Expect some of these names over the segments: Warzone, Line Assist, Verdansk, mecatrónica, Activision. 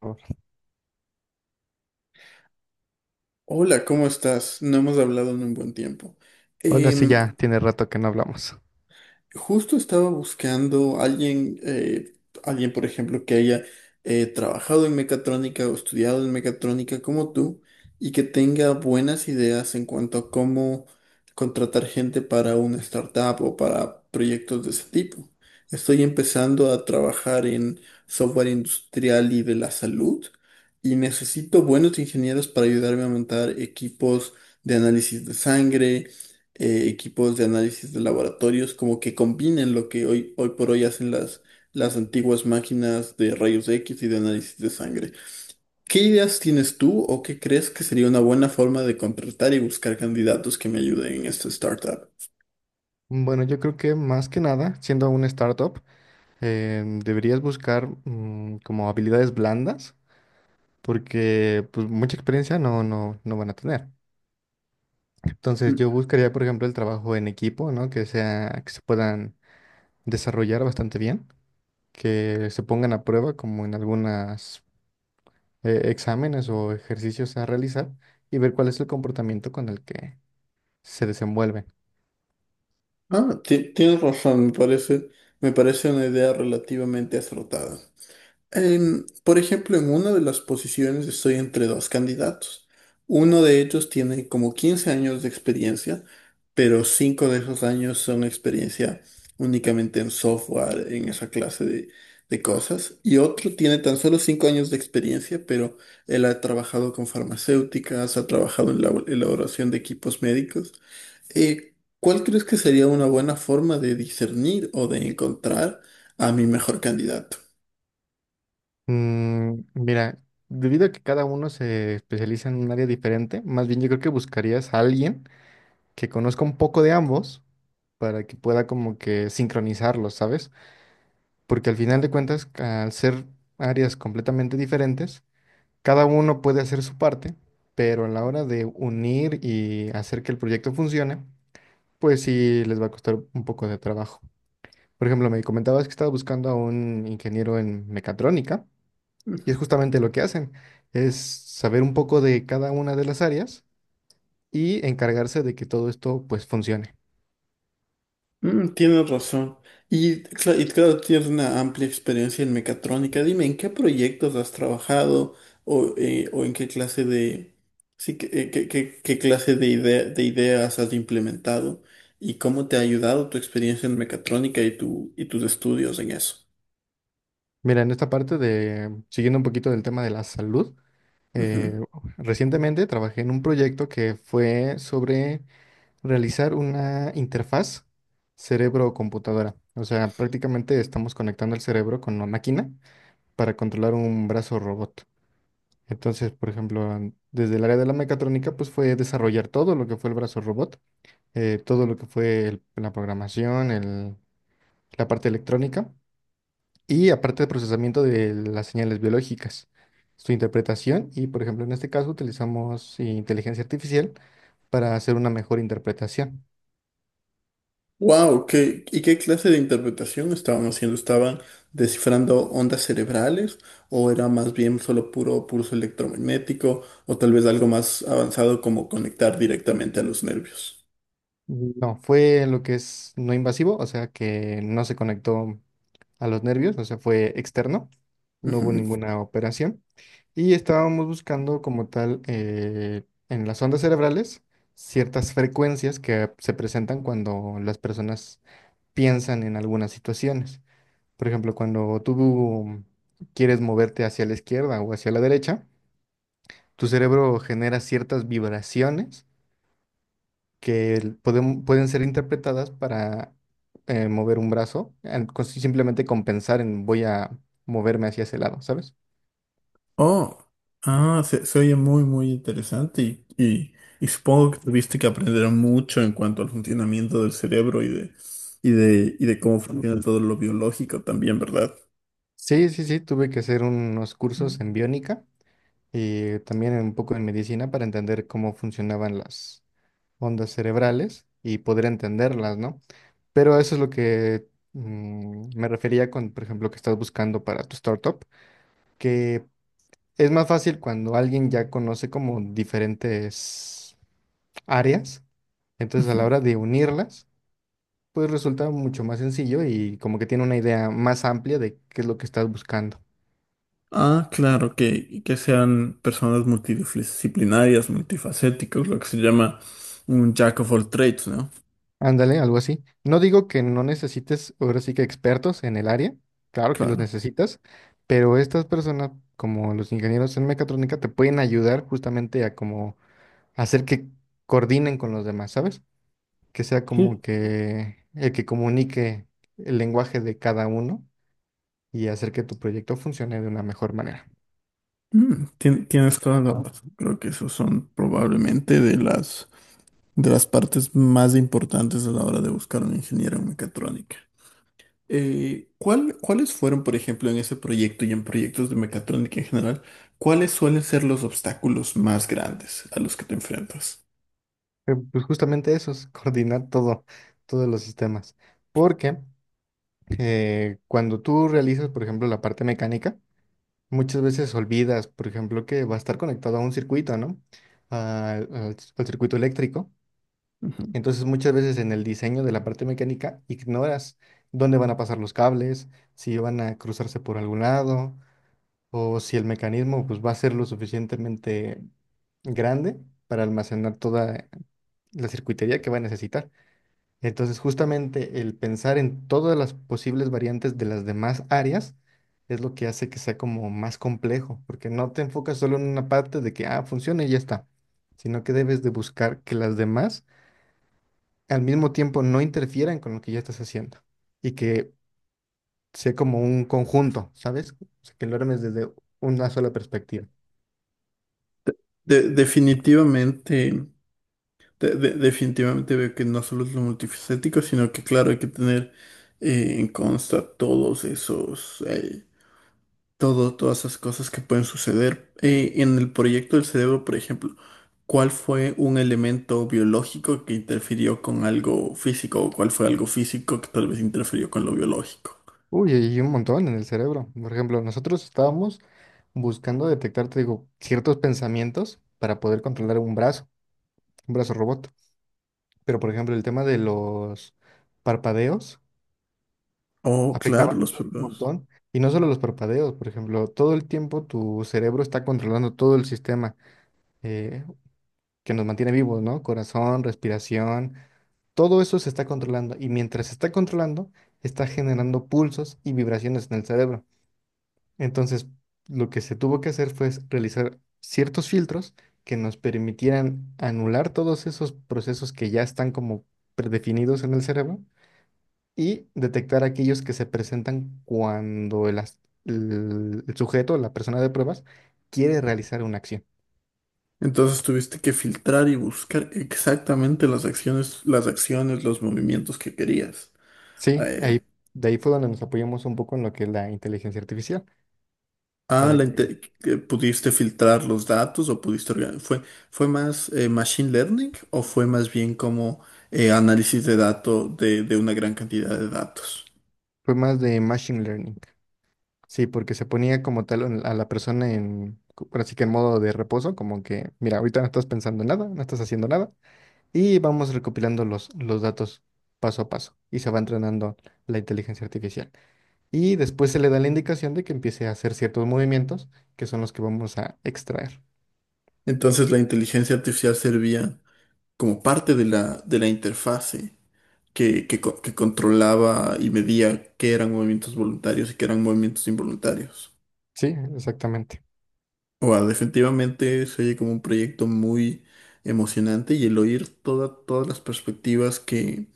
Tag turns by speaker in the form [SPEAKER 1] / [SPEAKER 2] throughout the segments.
[SPEAKER 1] Hola.
[SPEAKER 2] Hola, ¿cómo estás? No hemos hablado en un buen tiempo.
[SPEAKER 1] Hola, sí,
[SPEAKER 2] Em,
[SPEAKER 1] ya tiene rato que no hablamos.
[SPEAKER 2] Justo estaba buscando alguien, alguien, por ejemplo, que haya trabajado en mecatrónica o estudiado en mecatrónica como tú y que tenga buenas ideas en cuanto a cómo contratar gente para una startup o para proyectos de ese tipo. Estoy empezando a trabajar en software industrial y de la salud y necesito buenos ingenieros para ayudarme a montar equipos de análisis de sangre, equipos de análisis de laboratorios, como que combinen lo que hoy por hoy hacen las antiguas máquinas de rayos X y de análisis de sangre. ¿Qué ideas tienes tú o qué crees que sería una buena forma de contratar y buscar candidatos que me ayuden en esta startup?
[SPEAKER 1] Bueno, yo creo que más que nada, siendo una startup, deberías buscar como habilidades blandas, porque pues mucha experiencia no van a tener. Entonces
[SPEAKER 2] Mm.
[SPEAKER 1] yo buscaría, por ejemplo, el trabajo en equipo, ¿no? Que sea, que se puedan desarrollar bastante bien, que se pongan a prueba como en algunos exámenes o ejercicios a realizar y ver cuál es el comportamiento con el que se desenvuelve.
[SPEAKER 2] Ah, tienes razón, me parece una idea relativamente acertada. Por ejemplo, en una de las posiciones estoy entre dos candidatos. Uno de ellos tiene como 15 años de experiencia, pero 5 de esos años son experiencia únicamente en software, en esa clase de cosas. Y otro tiene tan solo 5 años de experiencia, pero él ha trabajado con farmacéuticas, ha trabajado en la elaboración de equipos médicos. eh, ¿Cuál crees que sería una buena forma de discernir o de encontrar a mi mejor candidato?
[SPEAKER 1] Mm, mira, debido a que cada uno se especializa en un área diferente, más bien yo creo que buscarías a alguien que conozca un poco de ambos para que pueda como que sincronizarlos, ¿sabes? Porque al final de cuentas, al ser áreas completamente diferentes, cada uno puede hacer su parte, pero a la hora de unir y hacer que el proyecto funcione, pues sí les va a costar un poco de trabajo. Por ejemplo, me comentabas que estabas buscando a un ingeniero en mecatrónica. Y es justamente lo que hacen, es saber un poco de cada una de las áreas y encargarse de que todo esto pues funcione.
[SPEAKER 2] Mm, tienes razón. Y claro, tienes una amplia experiencia en mecatrónica. Dime, ¿en qué proyectos has trabajado o en qué clase de, sí, qué clase de ideas has implementado y cómo te ha ayudado tu experiencia en mecatrónica, y tus estudios en eso?
[SPEAKER 1] Mira, en esta parte de, siguiendo un poquito del tema de la salud, eh, recientemente trabajé en un proyecto que fue sobre realizar una interfaz cerebro-computadora. O sea, prácticamente estamos conectando el cerebro con una máquina para controlar un brazo robot. Entonces, por ejemplo, desde el área de la mecatrónica, pues fue desarrollar todo lo que fue el brazo robot, todo lo que fue la programación, la parte electrónica y aparte el procesamiento de las señales biológicas, su interpretación y, por ejemplo, en este caso utilizamos inteligencia artificial para hacer una mejor interpretación.
[SPEAKER 2] Wow, y qué clase de interpretación estaban haciendo? ¿Estaban descifrando ondas cerebrales o era más bien solo puro pulso electromagnético o tal vez algo más avanzado como conectar directamente a los nervios?
[SPEAKER 1] No, fue lo que es no invasivo, o sea que no se conectó a los nervios, o sea, fue externo, no hubo
[SPEAKER 2] Ujú.
[SPEAKER 1] ninguna operación. Y estábamos buscando como tal en las ondas cerebrales ciertas frecuencias que se presentan cuando las personas piensan en algunas situaciones. Por ejemplo, cuando tú quieres moverte hacia la izquierda o hacia la derecha, tu cerebro genera ciertas vibraciones que pueden ser interpretadas para mover un brazo, simplemente compensar en voy a moverme hacia ese lado, ¿sabes?
[SPEAKER 2] Oh, ah, se oye muy, muy interesante, y supongo que tuviste que aprender mucho en cuanto al funcionamiento del cerebro y de cómo funciona todo lo biológico también, ¿verdad?
[SPEAKER 1] Sí, sí, sí, tuve que hacer unos cursos en biónica y también un poco en medicina para entender cómo funcionaban las ondas cerebrales y poder entenderlas, ¿no? Pero eso es lo que me refería con, por ejemplo, que estás buscando para tu startup, que es más fácil cuando alguien ya conoce como diferentes áreas. Entonces, a
[SPEAKER 2] Ujú.
[SPEAKER 1] la hora de unirlas, pues resulta mucho más sencillo y como que tiene una idea más amplia de qué es lo que estás buscando.
[SPEAKER 2] Ah, claro, que sean personas multidisciplinarias, multifacéticos, lo que se llama un jack of all trades, ¿no?
[SPEAKER 1] Ándale, algo así. No digo que no necesites ahora sí que expertos en el área, claro que los
[SPEAKER 2] Claro.
[SPEAKER 1] necesitas, pero estas personas, como los ingenieros en mecatrónica, te pueden ayudar justamente a como hacer que coordinen con los demás, ¿sabes? Que sea
[SPEAKER 2] Sí.
[SPEAKER 1] como que el que comunique el lenguaje de cada uno y hacer que tu proyecto funcione de una mejor manera.
[SPEAKER 2] Mm, tienes toda la razón. Creo que esos son probablemente de las partes más importantes a la hora de buscar un ingeniero en mecatrónica. ¿ cuáles fueron, por ejemplo, en ese proyecto y en proyectos de mecatrónica en general, cuáles suelen ser los obstáculos más grandes a los que te enfrentas?
[SPEAKER 1] Pues justamente eso es coordinar todo, todos los sistemas. Porque cuando tú realizas, por ejemplo, la parte mecánica, muchas veces olvidas, por ejemplo, que va a estar conectado a un circuito, ¿no? Al, al circuito eléctrico.
[SPEAKER 2] Ujú.
[SPEAKER 1] Entonces, muchas veces en el diseño de la parte mecánica ignoras dónde van a pasar los cables, si van a cruzarse por algún lado, o si el mecanismo pues, va a ser lo suficientemente grande para almacenar toda la circuitería que va a necesitar. Entonces, justamente el pensar en todas las posibles variantes de las demás áreas es lo que hace que sea como más complejo, porque no te enfocas solo en una parte de que, ah, funciona y ya está, sino que debes de buscar que las demás al mismo tiempo no interfieran con lo que ya estás haciendo y que sea como un conjunto, ¿sabes? O sea, que lo armes desde una sola perspectiva.
[SPEAKER 2] Definitivamente. Definitivamente veo que no solo es lo multifacético, sino que claro, hay que tener, en consta todos esos, todas esas cosas que pueden suceder. En el proyecto del cerebro, por ejemplo, ¿cuál fue un elemento biológico que interfirió con algo físico? ¿O cuál fue algo físico que tal vez interfirió con lo biológico?
[SPEAKER 1] Uy, hay un montón en el cerebro. Por ejemplo, nosotros estábamos buscando detectar, te digo, ciertos pensamientos para poder controlar un brazo robot. Pero, por ejemplo, el tema de los parpadeos
[SPEAKER 2] Oh,
[SPEAKER 1] afectaba
[SPEAKER 2] claro, los
[SPEAKER 1] un
[SPEAKER 2] problemas.
[SPEAKER 1] montón. Y no solo los parpadeos, por ejemplo, todo el tiempo tu cerebro está controlando todo el sistema eh, que nos mantiene vivos, ¿no? Corazón, respiración, todo eso se está controlando. Y mientras se está controlando, está generando pulsos y vibraciones en el cerebro. Entonces, lo que se tuvo que hacer fue realizar ciertos filtros que nos permitieran anular todos esos procesos que ya están como predefinidos en el cerebro y detectar aquellos que se presentan cuando el sujeto, la persona de pruebas, quiere realizar una acción.
[SPEAKER 2] Entonces tuviste que filtrar y buscar exactamente las acciones, los movimientos que querías.
[SPEAKER 1] Sí,
[SPEAKER 2] Eh,
[SPEAKER 1] ahí, de ahí fue donde nos apoyamos un poco en lo que es la inteligencia artificial,
[SPEAKER 2] Ah,
[SPEAKER 1] para que
[SPEAKER 2] que ¿pudiste filtrar los datos o pudiste ¿Fue más, machine learning, o fue más bien como, análisis de datos de una gran cantidad de datos?
[SPEAKER 1] fue más de machine learning. Sí, porque se ponía como tal a la persona ahora sí que en modo de reposo, como que, mira, ahorita no estás pensando en nada, no estás haciendo nada, y vamos recopilando los datos paso a paso, y se va entrenando la inteligencia artificial. Y después se le da la indicación de que empiece a hacer ciertos movimientos que son los que vamos a extraer.
[SPEAKER 2] Entonces la inteligencia artificial servía como parte de la interfase, que controlaba y medía qué eran movimientos voluntarios y qué eran movimientos involuntarios.
[SPEAKER 1] Sí, exactamente.
[SPEAKER 2] Wow, definitivamente se oye como un proyecto muy emocionante, y el oír todas las perspectivas que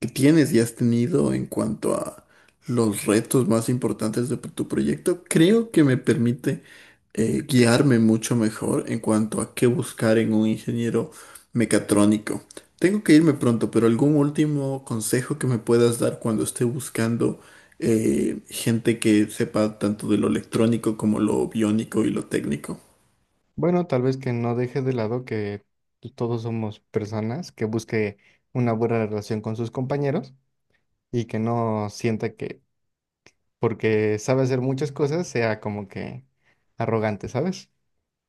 [SPEAKER 2] que tienes y has tenido en cuanto a los retos más importantes de tu proyecto, creo que me permite, guiarme mucho mejor en cuanto a qué buscar en un ingeniero mecatrónico. Tengo que irme pronto, pero algún último consejo que me puedas dar cuando esté buscando, gente que sepa tanto de lo electrónico como lo biónico y lo técnico.
[SPEAKER 1] Bueno, tal vez que no deje de lado que todos somos personas, que busque una buena relación con sus compañeros y que no sienta que porque sabe hacer muchas cosas sea como que arrogante, ¿sabes?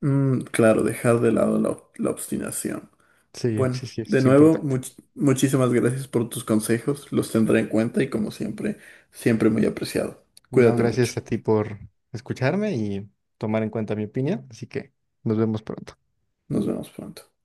[SPEAKER 2] Mm, claro, dejar de lado la obstinación.
[SPEAKER 1] Sí,
[SPEAKER 2] Bueno,
[SPEAKER 1] sí, sí,
[SPEAKER 2] de
[SPEAKER 1] es
[SPEAKER 2] nuevo,
[SPEAKER 1] importante.
[SPEAKER 2] muchísimas gracias por tus consejos. Los tendré en cuenta y como siempre, siempre muy apreciado.
[SPEAKER 1] No,
[SPEAKER 2] Cuídate mucho.
[SPEAKER 1] gracias a ti por escucharme y tomar en cuenta mi opinión, así que nos vemos pronto.
[SPEAKER 2] Nos vemos pronto.